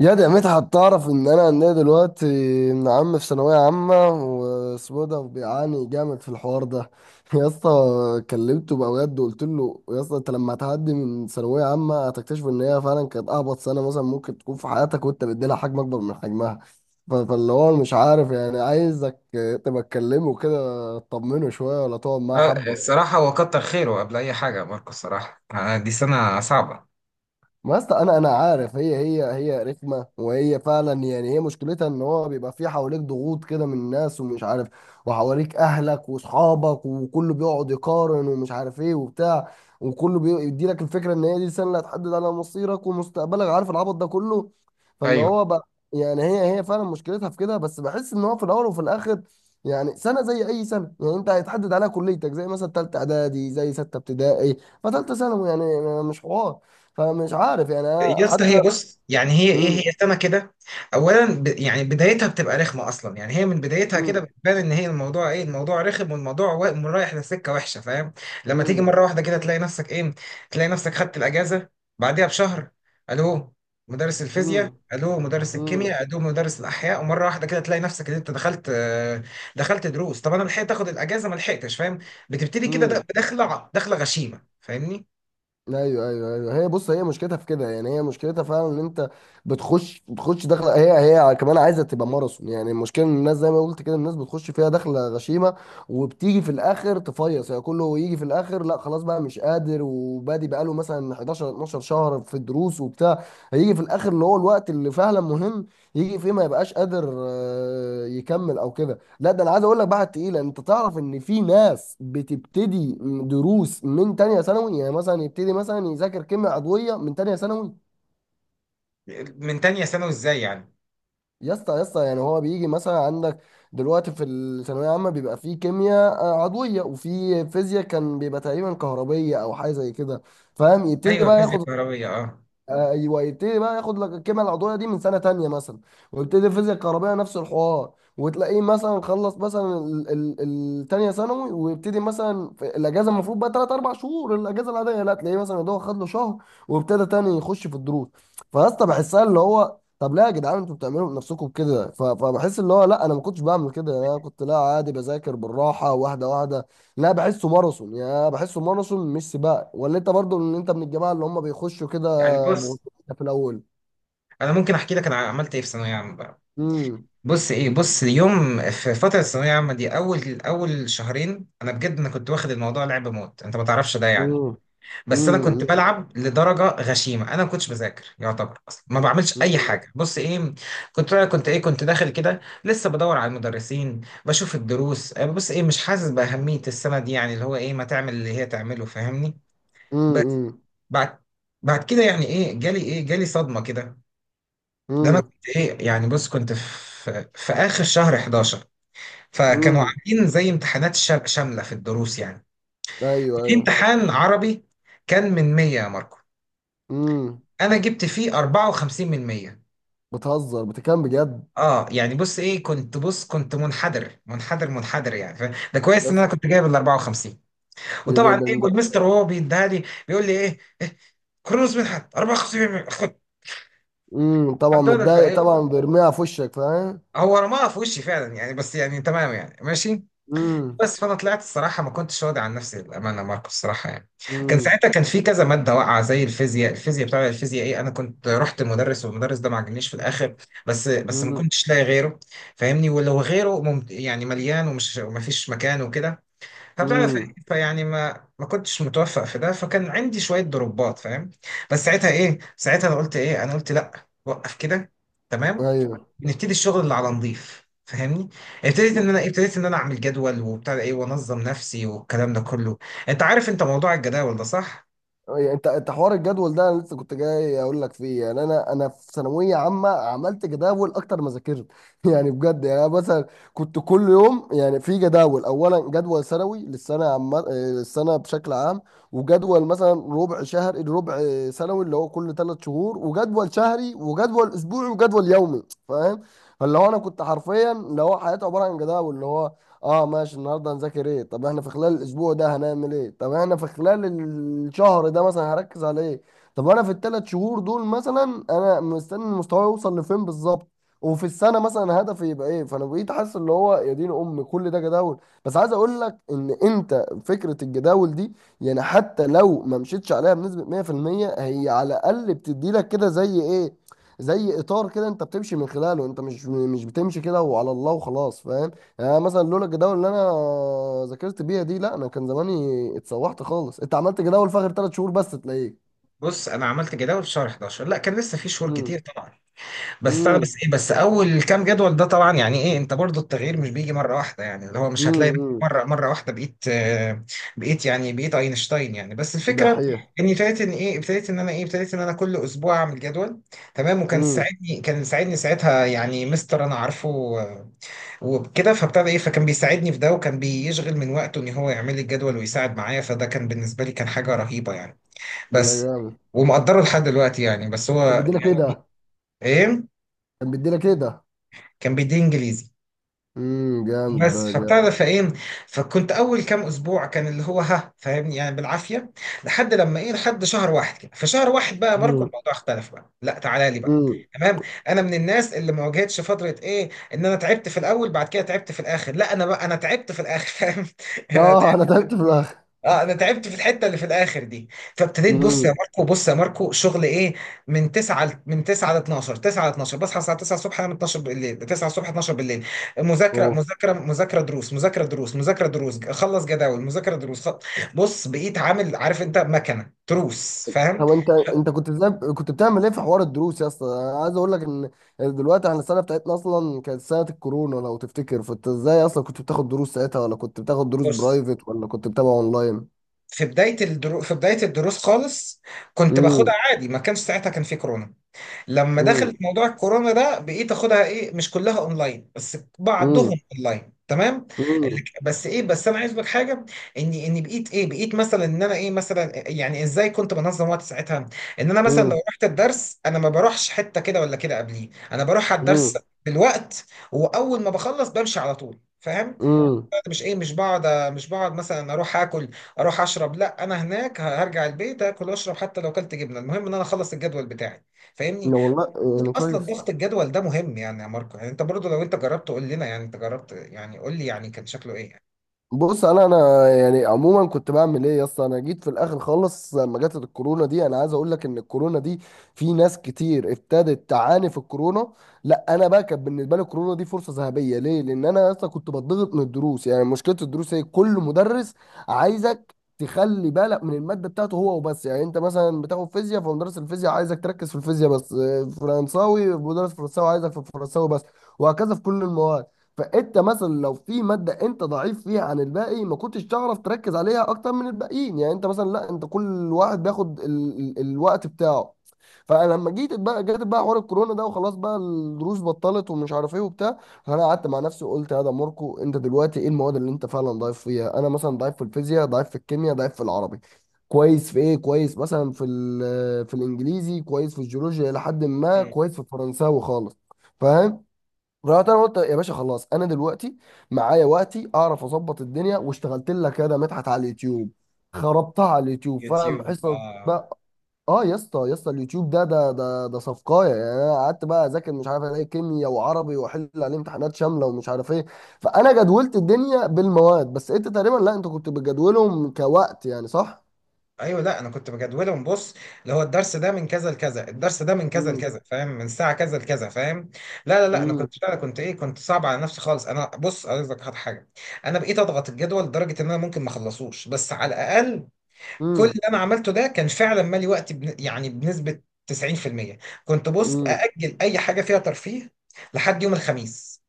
يا ده يا مدحت، تعرف ان انا عندي دلوقتي ابن عم في ثانويه عامه واسمه ده بيعاني جامد في الحوار ده يا اسطى كلمته بقى بجد وقلت له: يا اسطى انت لما هتعدي من ثانويه عامه هتكتشف ان هي فعلا كانت اهبط سنه مثلا ممكن تكون في حياتك وانت مديلها حجم اكبر من حجمها. فاللي هو مش عارف، يعني عايزك تبقى تكلمه كده تطمنه شويه ولا تقعد معاه آه، حبه. الصراحة هو كتر خيره قبل أي حاجة ماركو. الصراحة دي سنة صعبة. ما يا اسطى انا عارف، هي رخمه، وهي فعلا، يعني هي مشكلتها ان هو بيبقى في حواليك ضغوط كده من الناس ومش عارف، وحواليك اهلك واصحابك وكله بيقعد يقارن ومش عارف ايه وبتاع، وكله بيدي لك الفكره ان هي دي السنه اللي هتحدد على مصيرك ومستقبلك، عارف العبط ده كله. فاللي أيوه، هو بقى يعني هي فعلا مشكلتها في كده، بس بحس ان هو في الاول وفي الاخر يعني سنه زي اي سنه، يعني انت هيتحدد عليها كليتك زي مثلا ثالثه اعدادي، زي سته ابتدائي، فتالته ثانوي، يعني يعني مش حوار. فمش عارف يعني انا يا اسطى حتى... هي بص، يعني هي ايه امم. هي سنه كده. اولا يعني بدايتها بتبقى رخمه اصلا، يعني هي من بدايتها كده امم. بتبان ان هي الموضوع الموضوع رخم، رايح لسكه وحشه، فاهم؟ لما تيجي امم. مره واحده كده تلاقي نفسك خدت الاجازه بعديها بشهر. الو مدرس الفيزياء، امم. الو مدرس امم. الكيمياء، الو مدرس الاحياء، ومره واحده كده تلاقي نفسك ان انت دخلت دروس طب. انا لحقت اخد الاجازه ما لحقتش، فاهم؟ بتبتدي كده امم. داخله داخله غشيمه، فاهمني؟ ايوه ايوه ايوه، هي بص، هي مشكلتها في كده، يعني هي مشكلتها فعلا ان انت بتخش داخله، هي هي كمان عايزه تبقى ماراثون، يعني المشكله ان الناس زي ما قلت كده، الناس بتخش فيها داخله غشيمه، وبتيجي في الاخر تفيص، يعني كله يجي في الاخر: لا خلاص بقى مش قادر، وبادي بقاله مثلا 11 12 شهر في دروس وبتاع، هيجي في الاخر اللي هو الوقت اللي فعلا مهم، يجي فيه ما يبقاش قادر يكمل او كده. لا ده انا عايز اقول لك بقى، تقيله. انت تعرف ان في ناس بتبتدي دروس من تانية ثانوي، يعني مثلا يبتدي مثلا يذاكر كيمياء عضويه من تانية ثانوي. من تانية ثانوي ازاي يعني؟ يا اسطى يا اسطى يعني هو بيجي مثلا عندك دلوقتي في الثانويه العامه بيبقى في كيمياء عضويه، وفي فيزياء كان بيبقى تقريبا كهربيه او حاجه زي كده، فاهم؟ يبتدي ايوه، بقى فيزياء ياخد... كهربيه، اه. ايوه، يبتدي بقى ياخد لك الكيمياء العضويه دي من سنه تانية مثلا، ويبتدي الفيزياء الكهربائيه نفس الحوار، وتلاقيه مثلا خلص مثلا التانية ثانوي، ويبتدي مثلا في الاجازه، المفروض بقى 3 4 شهور الاجازه العاديه، لا تلاقيه مثلا ده خد له شهر وابتدى تاني يخش في الدروس. فيا اسطى بحسها اللي هو طب ليه يا جدعان انتوا بتعملوا بنفسكم كده، فبحس اللي هو لا انا ما كنتش بعمل كده، يعني انا كنت لا عادي بذاكر بالراحه واحده واحده، لا بحسه ماراثون، يا بحسه ماراثون مش سباق. ولا انت برضو ان انت من الجماعه اللي هم بيخشوا كده يعني بص، بغضوصة في الأول؟ انا ممكن احكي لك انا عملت ايه في ثانويه عامه بقى. امم. بص اليوم في فتره الثانويه العامه دي، اول اول شهرين انا كنت واخد الموضوع لعب موت، انت ما تعرفش ده يعني. امم. بس انا كنت امم. بلعب لدرجه غشيمه، انا ما كنتش بذاكر يعتبر، اصلا ما بعملش اي امم. حاجه. بص ايه كنت داخل كده لسه بدور على المدرسين بشوف الدروس بص ايه مش حاسس باهميه السنه دي، يعني اللي هو ايه ما تعمل اللي هي تعمله، فاهمني؟ امم. بعد بعد كده يعني ايه جالي ايه جالي صدمه كده. ده انا كنت ايه يعني، بص كنت في اخر شهر 11. فكانوا امم. عاملين زي امتحانات شامله في الدروس يعني، ايوه في ايوه. امتحان عربي كان من 100 يا ماركو، امم. انا جبت فيه 54 من 100. بتهزر بتكلم بجد؟ اه يعني بص ايه، كنت منحدر منحدر منحدر يعني. ده كويس ان بس؟ انا كنت جايب ال 54. يا دي وطبعا ده. ايه، والمستر وهو بيديها لي بيقول لي إيه كرونوس منحت 54، خد. امم. طبعا متضايق، طبعا بيرميها في وشك فاهم. هو رماها في وشي فعلا يعني، بس يعني تمام يعني، ماشي. امم. بس فانا طلعت الصراحه ما كنتش راضي عن نفسي، بامانه ماركو الصراحه يعني. كان امم. ساعتها كان في كذا ماده واقعه زي الفيزياء، الفيزياء بتاع الفيزياء ايه. انا كنت رحت المدرس والمدرس ده ما عجبنيش في الاخر، بس ما امم. كنتش لاقي غيره، فاهمني؟ ولو غيره يعني مليان، وما فيش مكان وكده. فبتاع ف- امم. فيعني ما كنتش متوفق في ده، فكان عندي شويه ضربات، فاهم؟ بس ساعتها ايه، ساعتها انا قلت ايه، انا قلت لا، وقف كده، تمام، ايوه، نبتدي الشغل اللي على نظيف، فاهمني؟ ابتديت ان انا، ابتديت ان انا اعمل جدول وبتاع، ده ايه، وانظم نفسي والكلام ده كله. انت عارف، انت موضوع الجداول ده صح؟ يعني انت حوار الجدول ده انا لسه كنت جاي اقول لك فيه، يعني انا في ثانويه عامه عملت جداول اكتر ما ذاكرت يعني بجد، يعني انا مثلا كنت كل يوم، يعني في جداول: اولا جدول سنوي للسنه عم آه، للسنه بشكل عام، وجدول مثلا ربع شهر، ربع سنوي اللي هو كل 3 شهور، وجدول شهري، وجدول اسبوعي، وجدول يومي، فاهم؟ فاللي هو انا كنت حرفيا اللي هو حياتي عباره عن جداول، اللي هو: اه ماشي النهارده هنذاكر ايه؟ طب احنا في خلال الاسبوع ده هنعمل ايه؟ طب احنا في خلال الشهر ده مثلا هركز على ايه؟ طب انا في ال3 شهور دول مثلا انا مستني مستواي يوصل لفين بالظبط؟ وفي السنه مثلا هدفي يبقى ايه؟ فانا بقيت حاسس اللي هو يا دين ام كل ده جداول. بس عايز اقول لك ان انت فكره الجداول دي يعني حتى لو ما مشيتش عليها بنسبه 100%، هي على الاقل بتدي لك كده زي ايه، زي اطار كده انت بتمشي من خلاله، انت مش بتمشي كده وعلى الله وخلاص، فاهم؟ يعني مثلا لولا الجداول اللي انا ذاكرت بيها دي، لا انا كان زماني اتسوحت خالص. انت عملت جداول في اخر 3 شهور بس تلاقيه... بص انا عملت جداول في شهر 11، لا كان لسه في شهور امم. كتير طبعا. بس انا بس امم. ايه بس اول كام جدول ده طبعا يعني ايه، انت برضو التغيير مش بيجي مره واحده، يعني اللي هو مش هتلاقي نفسك امم. مره واحده بقيت بقيت يعني، بقيت اينشتاين يعني، بس الفكره دحيح. اني ابتديت ان ايه، ابتديت ان انا ايه، ابتديت ان انا كل اسبوع اعمل جدول. تمام، وكان امم. ساعدني، كان ساعدني ساعتها يعني مستر انا عارفه وكده، فابتدى ايه، فكان بيساعدني في ده، وكان بيشغل من وقته ان هو يعمل لي الجدول ويساعد معايا. فده كان بالنسبه لي كان حاجه رهيبه يعني، يا بس جامد. ومقدره لحد دلوقتي، يعني بس هو كان بيدينا يعني كده. ايه، كان بيدينا كده. كان بيديني انجليزي. امم، جامد ده بس فابتدى جامد. فايه، فكنت اول كام اسبوع كان اللي هو ها، فاهمني؟ يعني بالعافيه. لحد لما ايه، لحد شهر واحد كده، في شهر واحد بقى ماركو امم. الموضوع اختلف بقى، لا تعالى لي بقى، امم. تمام. انا من الناس اللي ما واجهتش فتره ايه ان انا تعبت في الاول بعد كده تعبت في الاخر، لا انا بقى انا تعبت في الاخر. فاهم؟ اه، انا تعبت في الاخر. اه انا تعبت في الحته اللي في الاخر دي. فابتديت، بص يا امم. ماركو، بص يا ماركو، شغل ايه، من 9 من 9 ل 12، 9 ل 12، بصحى الساعه 9 الصبح، انام 12 بالليل، 9 الصبح 12 بالليل. مذاكره مذاكره مذاكره، دروس، مذاكره دروس، مذاكره دروس، اخلص جداول، مذاكره دروس، بص بقيت عامل، عارف انت مكنه تروس، فاهم؟ طب انت كنت ازاي، كنت بتعمل ايه في حوار الدروس؟ يا اسطى انا عايز اقول لك ان دلوقتي احنا السنه بتاعتنا اصلا كانت سنه الكورونا لو تفتكر، فانت ازاي اصلا كنت بتاخد دروس ساعتها، ولا كنت بتاخد دروس بص برايفت، ولا كنت بتابع اونلاين؟ في بدايه الدروس خالص كنت باخدها امم. عادي ما كانش، ساعتها كان في كورونا. لما امم. دخلت موضوع الكورونا ده بقيت اخدها ايه، مش كلها اونلاين بس امم. بعضهم اونلاين، تمام. امم. بس انا عايز اقول لك حاجه، اني بقيت ايه، بقيت مثلا ان انا ايه، مثلا يعني ازاي كنت بنظم وقت ساعتها، ان انا مثلا لو رحت الدرس انا ما بروحش حته كده ولا كده قبليه، انا بروح على الدرس امم. بالوقت، واول ما بخلص بمشي على طول، فاهم؟ امم. مش بقعد، مش بقعد مثلا اروح اكل، اروح اشرب، لا انا هناك هرجع البيت اكل واشرب حتى لو كلت جبنه، المهم ان انا اخلص الجدول بتاعي، فاهمني؟ والله. يعني اصلا كويس. ضغط الجدول ده مهم يعني، يا ماركو يعني انت برضو لو انت جربت قول لنا، يعني انت جربت، يعني قول لي يعني كان شكله ايه يعني. بص، انا يعني عموما كنت بعمل ايه يا اسطى: انا جيت في الاخر خالص لما جت الكورونا دي. انا عايز اقول لك ان الكورونا دي في ناس كتير ابتدت تعاني في الكورونا، لا انا بقى كانت بالنسبه لي الكورونا دي فرصه ذهبيه. ليه؟ لان انا يا اسطى كنت بتضغط من الدروس. يعني مشكله الدروس هي كل مدرس عايزك تخلي بالك من الماده بتاعته هو وبس. يعني انت مثلا بتاخد فيزياء، فمدرس الفيزياء عايزك تركز في الفيزياء بس، فرنساوي، مدرس فرنساوي عايزك في الفرنساوي بس، وهكذا في كل المواد. فانت مثلا لو في ماده انت ضعيف فيها عن الباقي ما كنتش تعرف تركز عليها اكتر من الباقيين، يعني انت مثلا لا، انت كل واحد بياخد ال الوقت بتاعه. فانا لما جيت بقى جت بقى حوار الكورونا ده، وخلاص بقى الدروس بطلت ومش عارف ايه وبتاع. فانا قعدت مع نفسي وقلت: يا ده ماركو انت دلوقتي ايه المواد اللي انت فعلا ضعيف فيها؟ انا مثلا ضعيف في الفيزياء، ضعيف في الكيمياء، ضعيف في العربي، كويس في ايه، كويس مثلا في في الانجليزي، كويس في الجيولوجيا الى حد ما، مم. كويس في الفرنساوي خالص، فاهم؟ رحت انا قلت: يا باشا خلاص انا دلوقتي معايا وقتي اعرف اظبط الدنيا. واشتغلت لك يا ده مدحت على اليوتيوب، خربتها على اليوتيوب، فاهم؟ يوتيوب، حصص آه. بقى. اه يا اسطى يا اسطى اليوتيوب ده صفقايه، يعني انا قعدت بقى اذاكر، مش عارف الاقي كيمياء وعربي واحل عليه امتحانات شامله ومش عارف ايه. فانا جدولت الدنيا بالمواد، بس انت تقريبا، لا، انت كنت بتجدولهم كوقت، يعني صح؟ ايوه لا، انا كنت بجدولهم، بص اللي هو الدرس ده من كذا لكذا، الدرس ده من كذا امم. لكذا، فاهم، من ساعه كذا لكذا، فاهم؟ لا لا لا، انا امم. كنت فعلا، كنت صعب على نفسي خالص. انا بص عايز لك حاجه، انا بقيت اضغط الجدول لدرجه ان انا ممكن ما اخلصوش، بس على الاقل كل امم. اللي انا عملته ده كان فعلا مالي وقتي يعني بنسبة 90%، كنت بص امم. اجل اي حاجة فيها ترفيه لحد يوم الخميس.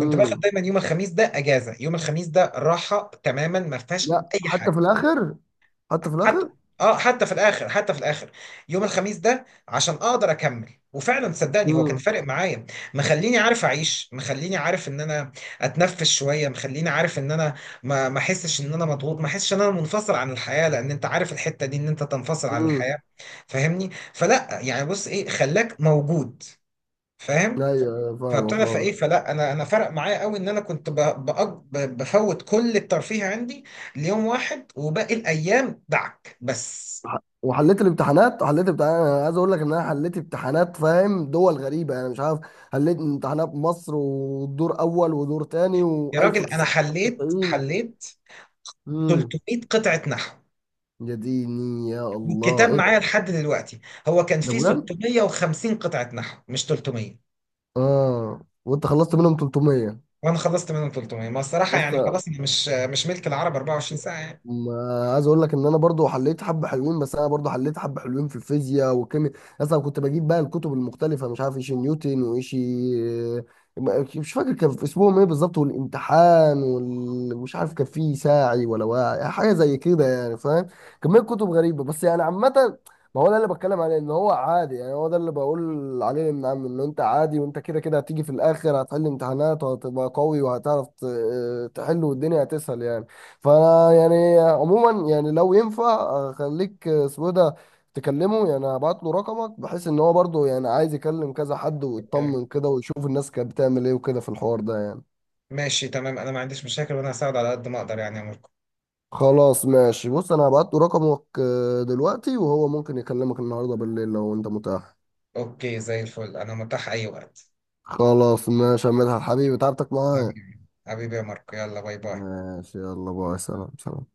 كنت باخد دايما يوم الخميس ده اجازة، يوم الخميس ده راحة تماما ما فيهاش لا اي حتى في حاجة، الاخر، حتى في حتى، الاخر. اه حتى في الاخر، حتى في الاخر يوم الخميس ده، عشان اقدر اكمل. وفعلا صدقني هو كان فارق معايا، مخليني عارف اعيش، مخليني عارف ان انا اتنفس شويه، مخليني عارف ان انا ما احسش ان انا مضغوط، ما احسش ان انا منفصل عن الحياه، لان انت عارف الحته دي ان انت تنفصل عن امم. الحياه، فاهمني؟ فلا يعني، بص ايه، خلاك موجود، ايوه، فاهم؟ أيوة، فاهمه فابتدى فايه، فاهمه. فلا انا فرق معايا قوي ان انا كنت بأج- بفوت كل الترفيه عندي ليوم واحد، وباقي الايام دعك بس. وحليت الامتحانات، حليت امتحانات، انا عايز اقول لك ان انا حليت امتحانات فاهم دول غريبه، يعني مش عارف، حليت امتحانات مصر ودور اول ودور تاني يا راجل انا حليت و1990. حليت امم. 300 قطعة نحو، يا ديني، يا الله والكتاب ايه ده؟ معايا لحد دلوقتي، هو كان ده فيه بجد؟ 650 قطعة نحو مش 300، اه، وانت خلصت منهم 300؟ وانا خلصت منهم 300. ما الصراحة يعني بس، خلاص، أنا مش ملك العرب 24 ساعة يعني. ما عايز اقول لك ان انا برضو حليت حبه حلوين، بس انا برضو حليت حبه حلوين في الفيزياء والكيمياء، اصلا كنت بجيب بقى الكتب المختلفه، مش عارف ايش نيوتن وايش، مش فاكر كان في اسمهم ايه بالظبط، والامتحان مش عارف كان في ساعي ولا واعي، حاجه زي كده يعني فاهم. كميه كتب غريبه بس، يعني عامه، ما هو ده اللي بتكلم عليه ان هو عادي يعني، هو ده اللي بقول عليه ان عم ان انت عادي، وانت كده كده هتيجي في الاخر هتحل امتحانات وهتبقى قوي وهتعرف تحل، والدنيا هتسهل يعني. فانا يعني عموما يعني لو ينفع خليك اسمه ده تكلمه، يعني هبعت له رقمك بحيث ان هو برضه يعني عايز يكلم كذا حد أوكي، ويطمن كده ويشوف الناس كانت بتعمل ايه وكده في الحوار ده يعني. ماشي، تمام، انا ما عنديش مشاكل، وانا هساعد على قد ما اقدر يعني يا ماركو. خلاص ماشي، بص انا هبعت له رقمك دلوقتي، وهو ممكن يكلمك النهارده بالليل لو انت متاح. اوكي، زي الفل، انا متاح اي وقت. خلاص ماشي يا مدحت حبيبي، تعبتك معايا. حبيبي، حبيبي يا ماركو، يلا باي باي. ماشي يلا باي، سلام سلام.